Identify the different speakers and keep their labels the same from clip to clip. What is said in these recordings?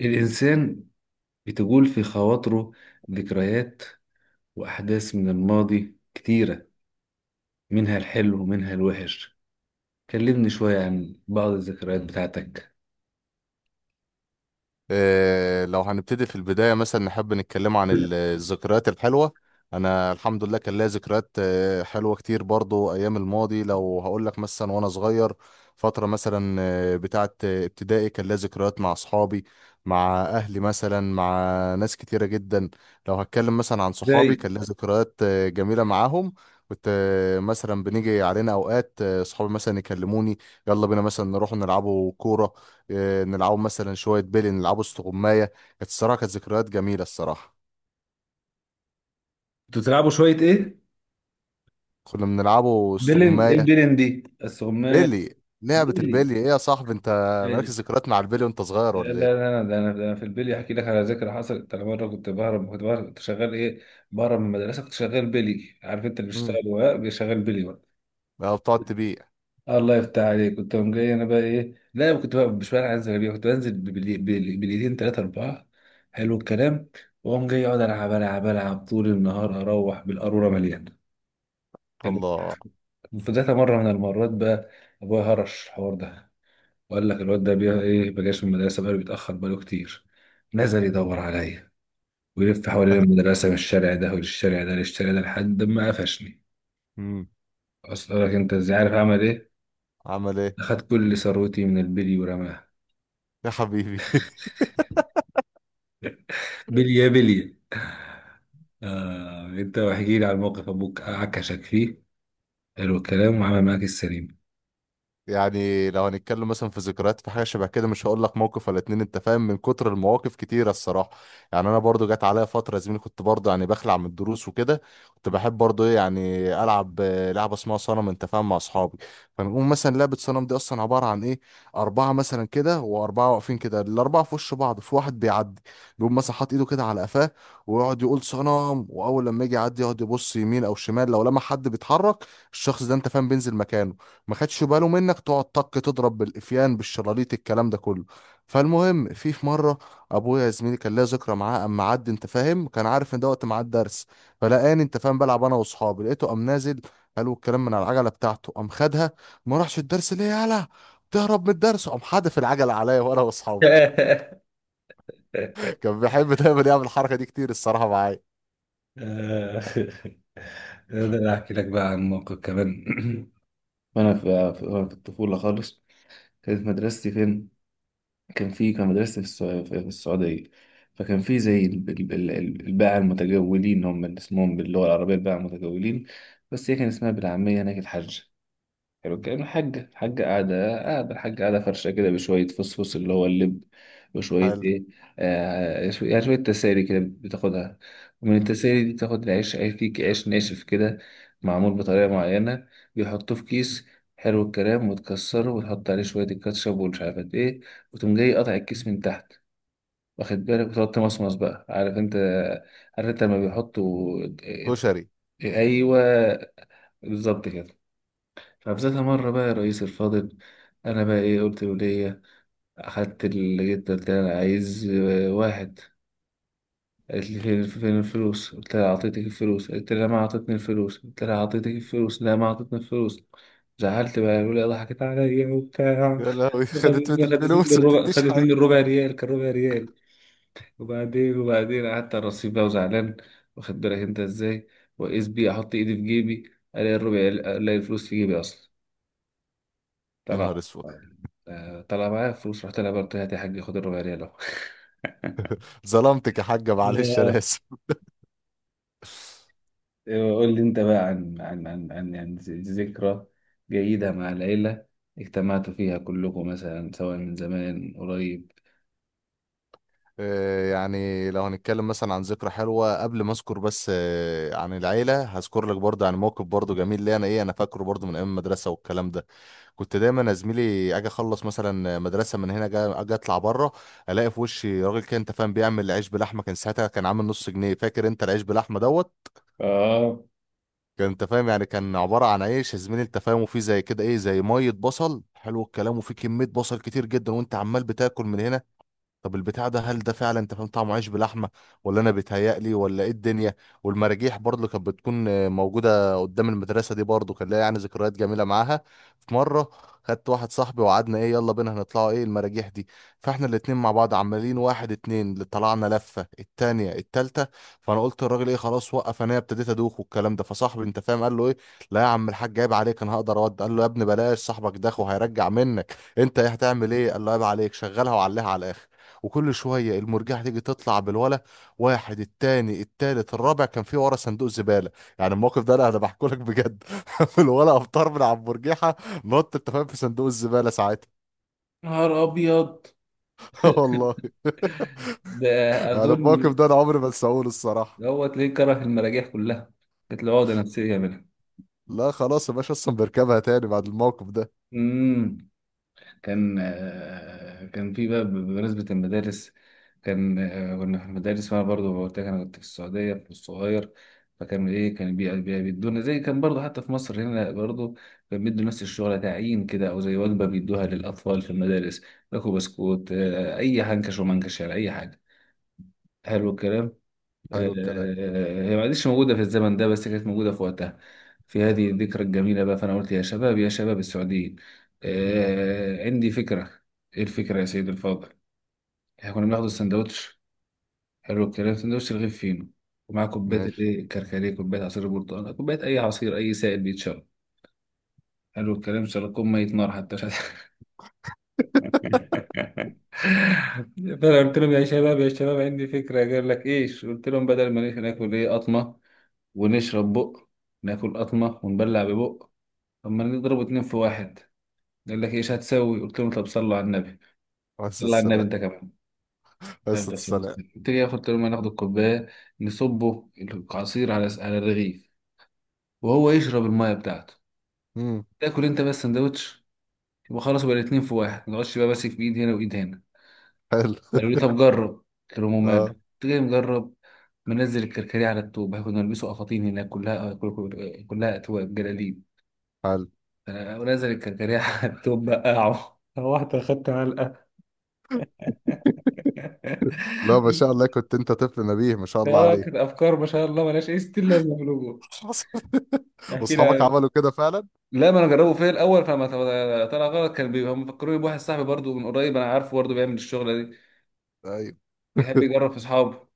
Speaker 1: الإنسان بتجول في خواطره ذكريات وأحداث من الماضي كتيرة، منها الحلو ومنها الوحش. كلمني شوية عن بعض الذكريات بتاعتك.
Speaker 2: لو هنبتدي في البداية مثلا نحب نتكلم عن الذكريات الحلوة. أنا الحمد لله كان ليا ذكريات حلوة كتير برضو أيام الماضي. لو هقول لك مثلا وأنا صغير فترة مثلا بتاعة ابتدائي، كان ليا ذكريات مع أصحابي، مع أهلي مثلا، مع ناس كتيرة جدا. لو هتكلم مثلا عن
Speaker 1: زي
Speaker 2: صحابي كان ليا ذكريات جميلة معاهم. كنت مثلا بنيجي علينا أوقات صحابي مثلا يكلموني، يلا بينا مثلا نروح نلعبوا كورة، نلعبوا مثلا شوية بيلي، نلعبوا استغماية. كانت الصراحة كانت ذكريات جميلة الصراحة.
Speaker 1: كنتوا بتلعبوا شوية إيه؟
Speaker 2: كنا بنلعبوا
Speaker 1: بلن، إيه
Speaker 2: استغماية.
Speaker 1: البلن دي؟ السغمال
Speaker 2: بيلي. لعبة
Speaker 1: بلي
Speaker 2: البيلي ايه يا صاحبي انت؟ مالكش
Speaker 1: إيه؟
Speaker 2: ذكريات مع البيلي وانت صغير
Speaker 1: لا لا
Speaker 2: ولا ايه؟
Speaker 1: لا ده انا في البلي احكي لك على ذكرى حصلت. انا مره كنت بهرب كنت شغال ايه، بهرب من المدرسه. كنت شغال بلي، عارف انت اللي
Speaker 2: امم.
Speaker 1: بيشتغل ورق، بيشغل بلي ورق.
Speaker 2: بتقعد تبيع.
Speaker 1: الله يفتح عليك. كنت قوم جاي انا بقى ايه، لا أنا كنت بقى مش بقى انزل بيها، كنت بنزل بالايدين ثلاثة أربعة. حلو الكلام. واقوم جاي اقعد العب طول النهار، اروح بالقارورة مليانة كانت.
Speaker 2: الله.
Speaker 1: في ذات مرة من المرات بقى، ابويا هرش الحوار ده وقال لك الواد ده بيها ايه، ما جاش من المدرسة، بقاله بيتأخر بقاله كتير. نزل يدور عليا ويلف حوالين المدرسة من الشارع ده والشارع ده للشارع ده لحد ما قفشني.
Speaker 2: امم.
Speaker 1: أصل لك أنت إزاي عارف أعمل إيه؟
Speaker 2: عمل ايه؟
Speaker 1: أخد كل ثروتي من البلي ورماها.
Speaker 2: يا حبيبي.
Speaker 1: بلية بلية. آه، انت احكي لي عن موقف ابوك عكشك فيه، حلو الكلام، وعمل معاك السليم.
Speaker 2: يعني لو هنتكلم مثلا في ذكريات في حاجه شبه كده، مش هقول لك موقف ولا اتنين انت فاهم، من كتر المواقف كتيره الصراحه. يعني انا برضو جت عليا فتره يا زميلي، كنت برضو يعني بخلع من الدروس وكده. كنت بحب برضو ايه يعني العب لعبه اسمها صنم انت فاهم مع اصحابي. فنقوم مثلا لعبه صنم دي اصلا عباره عن ايه؟ اربعه مثلا كده واربعه واقفين كده، الاربعه في وش بعض، في واحد بيعدي، بيقوم مثلا حاطط ايده كده على قفاه ويقعد يقول صنم. واول لما يجي يعدي يقعد يبص يمين او شمال. لو لما حد بيتحرك الشخص ده انت فاهم بينزل مكانه. ما خدش باله منك تقعد طق تضرب بالإفيان بالشراليط الكلام ده كله. فالمهم في مرة أبويا يا زميلي كان ليا ذكرى معاه. أما عدى أنت فاهم كان عارف إن ده وقت ميعاد درس، فلقاني أنت فاهم بلعب أنا وأصحابي. لقيته قام نازل، قالوا الكلام من على العجلة بتاعته، قام خدها. ما راحش الدرس ليه يالا تهرب من الدرس. قام حادف العجلة عليا وأنا وأصحابي. كان بيحب دايما يعمل الحركة دي كتير الصراحة معايا.
Speaker 1: آه، اقدر احكي لك بقى عن موقف كمان. وانا في وأنا في الطفوله خالص. كانت مدرستي فين؟ كان في، كان مدرستي في في السعوديه. فكان في زي الباعة المتجولين، هم اللي اسمهم باللغه العربيه الباعة المتجولين، بس هي كان اسمها بالعاميه هناك الحاجه. حلو الكلام. الحاجة قاعدة فرشة كده، بشوية فصفص اللي هو اللب، وشوية
Speaker 2: حلو.
Speaker 1: إيه، يعني شوية تسالي كده بتاخدها. ومن
Speaker 2: مم.
Speaker 1: التسالي دي بتاخد العيش، عيش فيه، عيش ناشف كده معمول بطريقة معينة، بيحطوه في كيس. حلو الكلام. وتكسره وتحط عليه شوية الكاتشب ومش عارف قد إيه، وتقوم جاي قاطع الكيس من تحت، واخد بالك، وتقعد تمصمص بقى. عارف أنت، عارف أنت لما بيحطوا؟
Speaker 2: كشري.
Speaker 1: أيوه، بالظبط كده. فبذات مرة بقى يا رئيس الفاضل، أنا بقى إيه، قلت ولية أخدت اللي جيت، قلت لها أنا عايز واحد. قالت لي فين، فين الفلوس؟ قلت لها أعطيتك الفلوس، قلت لها ما أعطتني الفلوس، قلت لها أعطيتك الفلوس، لا ما أعطتني الفلوس. زعلت بقى الولية ضحكت عليا وبتاع،
Speaker 2: يا لهوي خدت من
Speaker 1: خدت مني
Speaker 2: الفلوس ما
Speaker 1: الربع،
Speaker 2: تديش
Speaker 1: خدت
Speaker 2: حاجة.
Speaker 1: مني الربع ريال، كان ربع ريال. وبعدين قعدت على الرصيف بقى وزعلان، واخد بالك أنت إزاي، وقيس بيه أحط إيدي في جيبي ألاقي الربع، ألاقي الفلوس في جيبي أصلا.
Speaker 2: يا نهار
Speaker 1: طلع،
Speaker 2: اسود.
Speaker 1: طلع معايا فلوس. رحت لها برضه، هات يا حاج، خد الربع ريال اهو.
Speaker 2: ظلمتك يا حاجة، معلش انا اسف.
Speaker 1: قول لي انت بقى عن عن يعني ذكرى جيدة مع العيلة، اجتمعتوا فيها كلكم مثلا سواء من زمان قريب.
Speaker 2: يعني لو هنتكلم مثلا عن ذكرى حلوة، قبل ما اذكر بس عن العيلة هذكر لك برضه عن موقف برضه جميل ليا انا ايه، انا فاكره برضه من ايام المدرسة والكلام ده. كنت دايما يا زميلي اجي اخلص مثلا مدرسة من هنا، اجي اطلع بره، الاقي في وشي راجل كده انت فاهم بيعمل عيش بلحمة. كان ساعتها كان عامل نص جنيه فاكر انت، العيش بلحمة دوت.
Speaker 1: اه،
Speaker 2: كان انت فاهم يعني كان عبارة عن عيش يا زميلي انت فاهم، وفيه زي كده ايه زي مية بصل، حلو الكلام، وفيه كمية بصل كتير جدا، وانت عمال بتاكل من هنا. طب البتاع ده، هل ده فعلا انت فاهم طعمه عيش بلحمه، ولا انا بيتهيألي ولا ايه الدنيا؟ والمراجيح برضه اللي كانت بتكون موجوده قدام المدرسه دي، برضه كان ليا يعني ذكريات جميله معاها. في مره خدت واحد صاحبي وقعدنا ايه، يلا بينا هنطلعوا ايه المراجيح دي. فاحنا الاتنين مع بعض عمالين واحد اتنين، اللي طلعنا لفه التانيه التالته. فانا قلت للراجل ايه خلاص وقف، انا ابتديت ادوخ والكلام ده. فصاحبي انت فاهم قال له ايه: لا يا عم الحاج عيب عليك انا هقدر اود. قال له يا ابني بلاش صاحبك داخ وهيرجع منك، انت ايه هتعمل ايه؟ قال له عيب عليك شغلها وعليها على الاخر. وكل شويه المرجحه تيجي تطلع بالولا، واحد التاني التالت الرابع كان في ورا صندوق زباله. يعني الموقف ده انا بحكي لك بجد، في الولا افطار من على المرجحه، نط انت فاهم في صندوق الزباله ساعتها.
Speaker 1: نهار ابيض
Speaker 2: والله.
Speaker 1: ده.
Speaker 2: يعني
Speaker 1: اظن
Speaker 2: الموقف ده انا عمري ما انساهوش الصراحه.
Speaker 1: دوت ليه كره المراجيح كلها، كانت له عقدة نفسية منها.
Speaker 2: لا خلاص يا باشا اصلا بيركبها تاني بعد الموقف ده.
Speaker 1: امم كان كان في بقى بمناسبة المدارس، كان كنا في المدارس، وأنا برضو قلت لك أنا كنت في السعودية في الصغير. فكان إيه، كان بيدونا زي، كان برضو حتى في مصر هنا برضو كان بيدوا نفس الشغل، تعيين كده أو زي وجبة بيدوها للأطفال في المدارس، ياكلوا بسكوت أي حنكش ومنكش يعني أي حاجة. حلو الكلام.
Speaker 2: حلو الكلام.
Speaker 1: هي ما عادش موجودة في الزمن ده، بس كانت موجودة في وقتها. في هذه الذكرى الجميلة بقى، فأنا قلت يا شباب، يا شباب السعوديين،
Speaker 2: مم.
Speaker 1: عندي فكرة. إيه الفكرة يا سيدي الفاضل؟ إحنا كنا بناخد السندوتش، حلو الكلام، سندوتش رغيف فينو ومعاه كوباية
Speaker 2: ماشي.
Speaker 1: الإيه، الكركديه، كوباية عصير البرتقال، كوباية أي عصير، أي سائل بيتشرب. حلو الكلام. شرب كوب مية نار حتى مش عارف. فانا قلت لهم يا شباب، يا شباب عندي فكره. قال لك ايش؟ قلت لهم بدل ما ناكل ايه قطمه ونشرب بق، ناكل قطمه ونبلع ببق، طب ما نضرب اتنين في واحد. قال لك ايش هتسوي؟ قلت لهم طب صلوا على النبي.
Speaker 2: بس
Speaker 1: صلوا على النبي
Speaker 2: السلام.
Speaker 1: انت كمان.
Speaker 2: بس
Speaker 1: يلا صلوا على
Speaker 2: السلام.
Speaker 1: النبي. قلت لي، قلت لهم هناخد الكوبايه، نصبه العصير على على الرغيف، وهو يشرب الميه بتاعته،
Speaker 2: مم.
Speaker 1: تاكل انت بس سندوتش، يبقى خلاص بقى الاتنين في واحد، ما تقعدش بقى ماسك بايد هنا وايد هنا.
Speaker 2: حلو.
Speaker 1: قالوا لي طب جرب، قلت لهم ماله،
Speaker 2: اه.
Speaker 1: قلت جاي مجرب. منزل الكركديه على التوب، كنا نلبسه قفاطين هناك، كلها أتواب جلاليب.
Speaker 2: حلو.
Speaker 1: ونزل الكركديه على التوب بقعه، روحت أخدت علقة.
Speaker 2: لا ما شاء الله كنت انت طفل نبيه ما شاء الله
Speaker 1: اه،
Speaker 2: عليك.
Speaker 1: كانت أفكار ما شاء الله ملهاش أي ستين لازمة في الوجود.
Speaker 2: حصل.
Speaker 1: يحكي لي
Speaker 2: واصحابك
Speaker 1: عن-
Speaker 2: عملوا كده فعلا؟
Speaker 1: لا، ما انا جربه فيا الاول فما طلع غلط. كان بيبقى مفكروني بواحد صاحبي برضو من قريب، انا عارفه برضو بيعمل الشغله دي،
Speaker 2: ايوه.
Speaker 1: بيحب يجرب في اصحابه.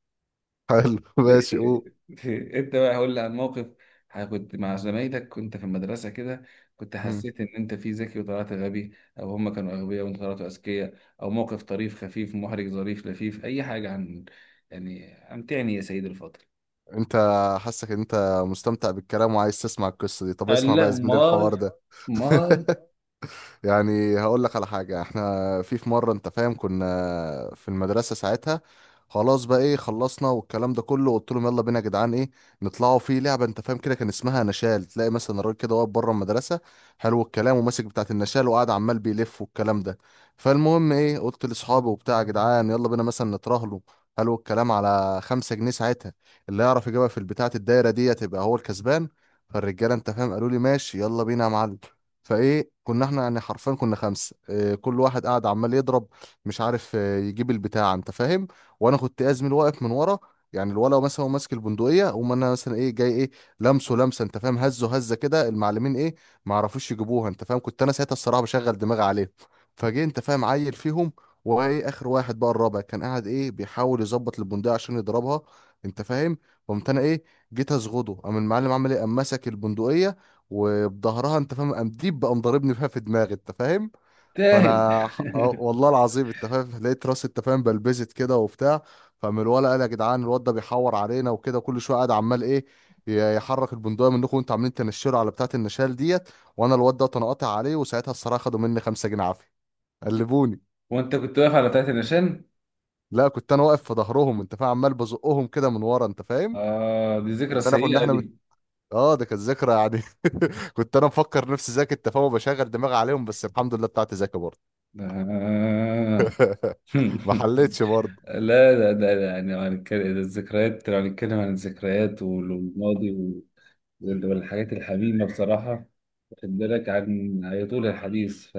Speaker 2: حلو
Speaker 1: ب-
Speaker 2: ماشي قول.
Speaker 1: انت بقى هقول لي عن موقف، كنت مع زمايلك كنت في المدرسه كده، كنت
Speaker 2: مم.
Speaker 1: حسيت ان انت فيه ذكي وطلعت غبي، او هم كانوا اغبياء وانت طلعتوا اذكياء، او موقف طريف خفيف محرج ظريف لفيف، اي حاجه عن، يعني امتعني يا سيدي الفاضل.
Speaker 2: انت حاسك ان انت مستمتع بالكلام وعايز تسمع القصه دي، طب اسمع
Speaker 1: قال
Speaker 2: بقى
Speaker 1: لا،
Speaker 2: يا زميلي الحوار
Speaker 1: امال،
Speaker 2: ده.
Speaker 1: امال.
Speaker 2: يعني هقول لك على حاجة، احنا في مرة انت فاهم كنا في المدرسة ساعتها، خلاص بقى ايه خلصنا والكلام ده كله. قلت لهم يلا بينا يا جدعان ايه نطلعوا في لعبة انت فاهم كده كان اسمها نشال. تلاقي مثلا الراجل كده واقف بره المدرسة حلو الكلام، وماسك بتاعة النشال وقاعد عمال بيلف والكلام ده. فالمهم ايه قلت لاصحابي وبتاع: يا جدعان يلا بينا مثلا نترهلوا حلو الكلام على 5 جنيه ساعتها. اللي يعرف يجيبها في البتاعة الدايرة دي تبقى هو الكسبان. فالرجالة انت فاهم قالوا لي ماشي يلا بينا يا معلم. فايه كنا احنا يعني حرفيا كنا خمسه، اه كل واحد قاعد عمال يضرب، مش عارف اه يجيب البتاع انت فاهم. وانا كنت ازمل واقف من ورا، يعني الولا مثلا هو ماسك البندقيه وما انا مثلا ايه جاي ايه لمسه لمسه انت فاهم، هزه هزه كده. المعلمين ايه ما عرفوش يجيبوها انت فاهم. كنت انا ساعتها الصراحه بشغل دماغي عليهم. فجه انت فاهم عيل فيهم، وايه اخر واحد بقى الرابع كان قاعد ايه بيحاول يظبط البندقيه عشان يضربها انت فاهم. قمت انا ايه جيت اصغده، قام المعلم عمل ايه؟ قام مسك البندقيه، وبظهرها انت فاهم قام ديب بقى مضاربني فيها في دماغي انت فاهم.
Speaker 1: تاهل.
Speaker 2: فانا اه والله العظيم انت فاهم لقيت راسي انت فاهم بلبزت كده وبتاع. فمن الولا قال يا جدعان الواد ده بيحور علينا وكده كل شويه قاعد عمال ايه يحرك البندقيه منكم وانتوا عاملين تنشروا على بتاعه النشال ديت. وانا الواد ده تنقطع عليه، وساعتها الصراحه خدوا مني 5 جنيه عافيه. قلبوني.
Speaker 1: وانت كنت واقف على بتاعه النشان؟
Speaker 2: لا كنت انا واقف في ظهرهم انت فاهم عمال بزقهم كده من ورا انت فاهم.
Speaker 1: اه، دي ذكرى
Speaker 2: انت انا كنا
Speaker 1: سيئه
Speaker 2: احنا
Speaker 1: دي.
Speaker 2: اه، ده كانت ذاكرة يعني. كنت انا مفكر نفسي ذكي انت فاهم بشغل دماغي عليهم، بس الحمد لله بتاعتي ذكي برضه.
Speaker 1: آه.
Speaker 2: ما حليتش برضه.
Speaker 1: لا لا، ده يعني لو هنتكلم، ده الذكريات لو هنتكلم عن الذكريات والماضي والحاجات الحميمة بصراحة، واخد بالك، عن يطول الحديث ف...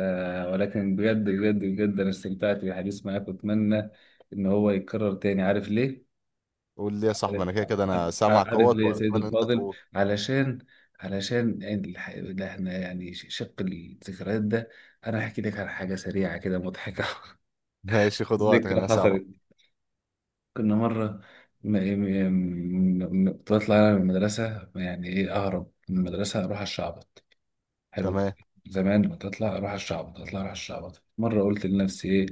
Speaker 1: ولكن بجد بجد بجد أنا استمتعت بالحديث معاك، وأتمنى إن هو يتكرر تاني. عارف ليه؟
Speaker 2: قول لي يا صاحبي، انا كده كده انا
Speaker 1: عارف,
Speaker 2: سامعك
Speaker 1: عارف
Speaker 2: اهوت
Speaker 1: ليه يا سيد
Speaker 2: واتمنى انت
Speaker 1: الفاضل؟
Speaker 2: تقول.
Speaker 1: علشان، علشان يعني الح... ده احنا يعني شق الذكريات ده، أنا هحكي لك عن حاجة سريعة كده مضحكة.
Speaker 2: ماشي خد وقتك
Speaker 1: ذكرى
Speaker 2: انا سامعك.
Speaker 1: حصلت. كنا مرة م... م... م... كنت بطلع أنا من المدرسة، يعني إيه، أهرب من المدرسة أروح على الشعب. حلو،
Speaker 2: تمام.
Speaker 1: زمان كنت اطلع اروح الشعبط، اطلع اروح الشعبط. مره قلت لنفسي ايه،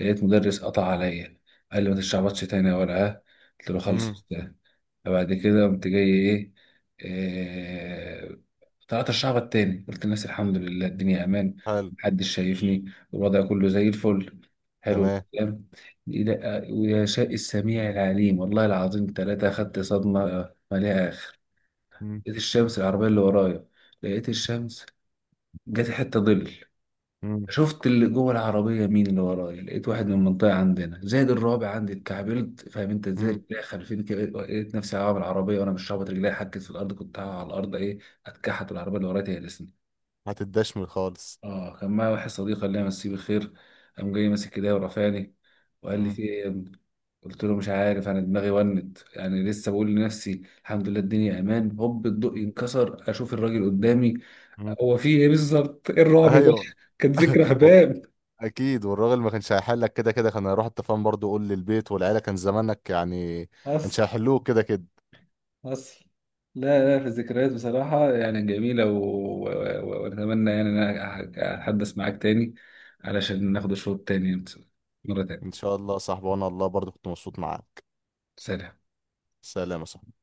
Speaker 1: لقيت مدرس قطع عليا. قال لي ما تشعبطش تاني يا ورقه. قلت له خلص يا
Speaker 2: امم.
Speaker 1: أستاذ. فبعد كده قمت جاي ايه، إيه، طلعت الشعبط تاني. قلت لنفسي الحمد لله الدنيا امان،
Speaker 2: حلو.
Speaker 1: محدش شايفني، الوضع كله زي الفل. حلو
Speaker 2: تمام.
Speaker 1: الكلام. لا، ويا شاء السميع العليم، والله العظيم ثلاثة أخدت صدمة مليئة آخر.
Speaker 2: امم.
Speaker 1: لقيت الشمس العربية اللي ورايا، لقيت الشمس جت حته ظل،
Speaker 2: امم.
Speaker 1: شفت اللي جوه العربيه مين اللي ورايا، لقيت واحد من المنطقه عندنا زائد الرابع عندي، اتكعبلت فاهم انت ازاي،
Speaker 2: امم.
Speaker 1: رجلي خلفين كده، لقيت نفسي هقع من العربيه وانا مش رابط، رجلي حكت في الارض، كنت هقع على الارض ايه، اتكحت العربيه اللي ورايا هي.
Speaker 2: هتدشمل خالص.
Speaker 1: اه، كان معايا واحد صديق الله يمسيه بالخير، قام جاي ماسك ايديا ورفعني وقال لي
Speaker 2: امم.
Speaker 1: في ايه يا ابني؟ قلت له مش عارف انا دماغي ونت، يعني لسه بقول لنفسي الحمد لله الدنيا امان، هوب الضوء
Speaker 2: امم.
Speaker 1: ينكسر اشوف الراجل قدامي،
Speaker 2: امم.
Speaker 1: هو في ايه بالظبط، ايه الرعب ده.
Speaker 2: ايوه.
Speaker 1: كانت ذكرى
Speaker 2: و-
Speaker 1: هباب.
Speaker 2: اكيد، والراجل ما كانش هيحلك كده كده، كان هيروح التفاهم برضه يقول للبيت والعيله كان زمانك يعني.
Speaker 1: حصل،
Speaker 2: كانش هيحلوك كده كده.
Speaker 1: حصل. لا لا، في الذكريات بصراحة يعني جميلة و- وأتمنى يعني إن أنا أتحدث معاك تاني، علشان ناخد الشوط التاني مرة
Speaker 2: ان
Speaker 1: تانية.
Speaker 2: شاء الله يا صاحبي وانا الله برضه كنت مبسوط معاك.
Speaker 1: سلام.
Speaker 2: سلام يا صاحبي.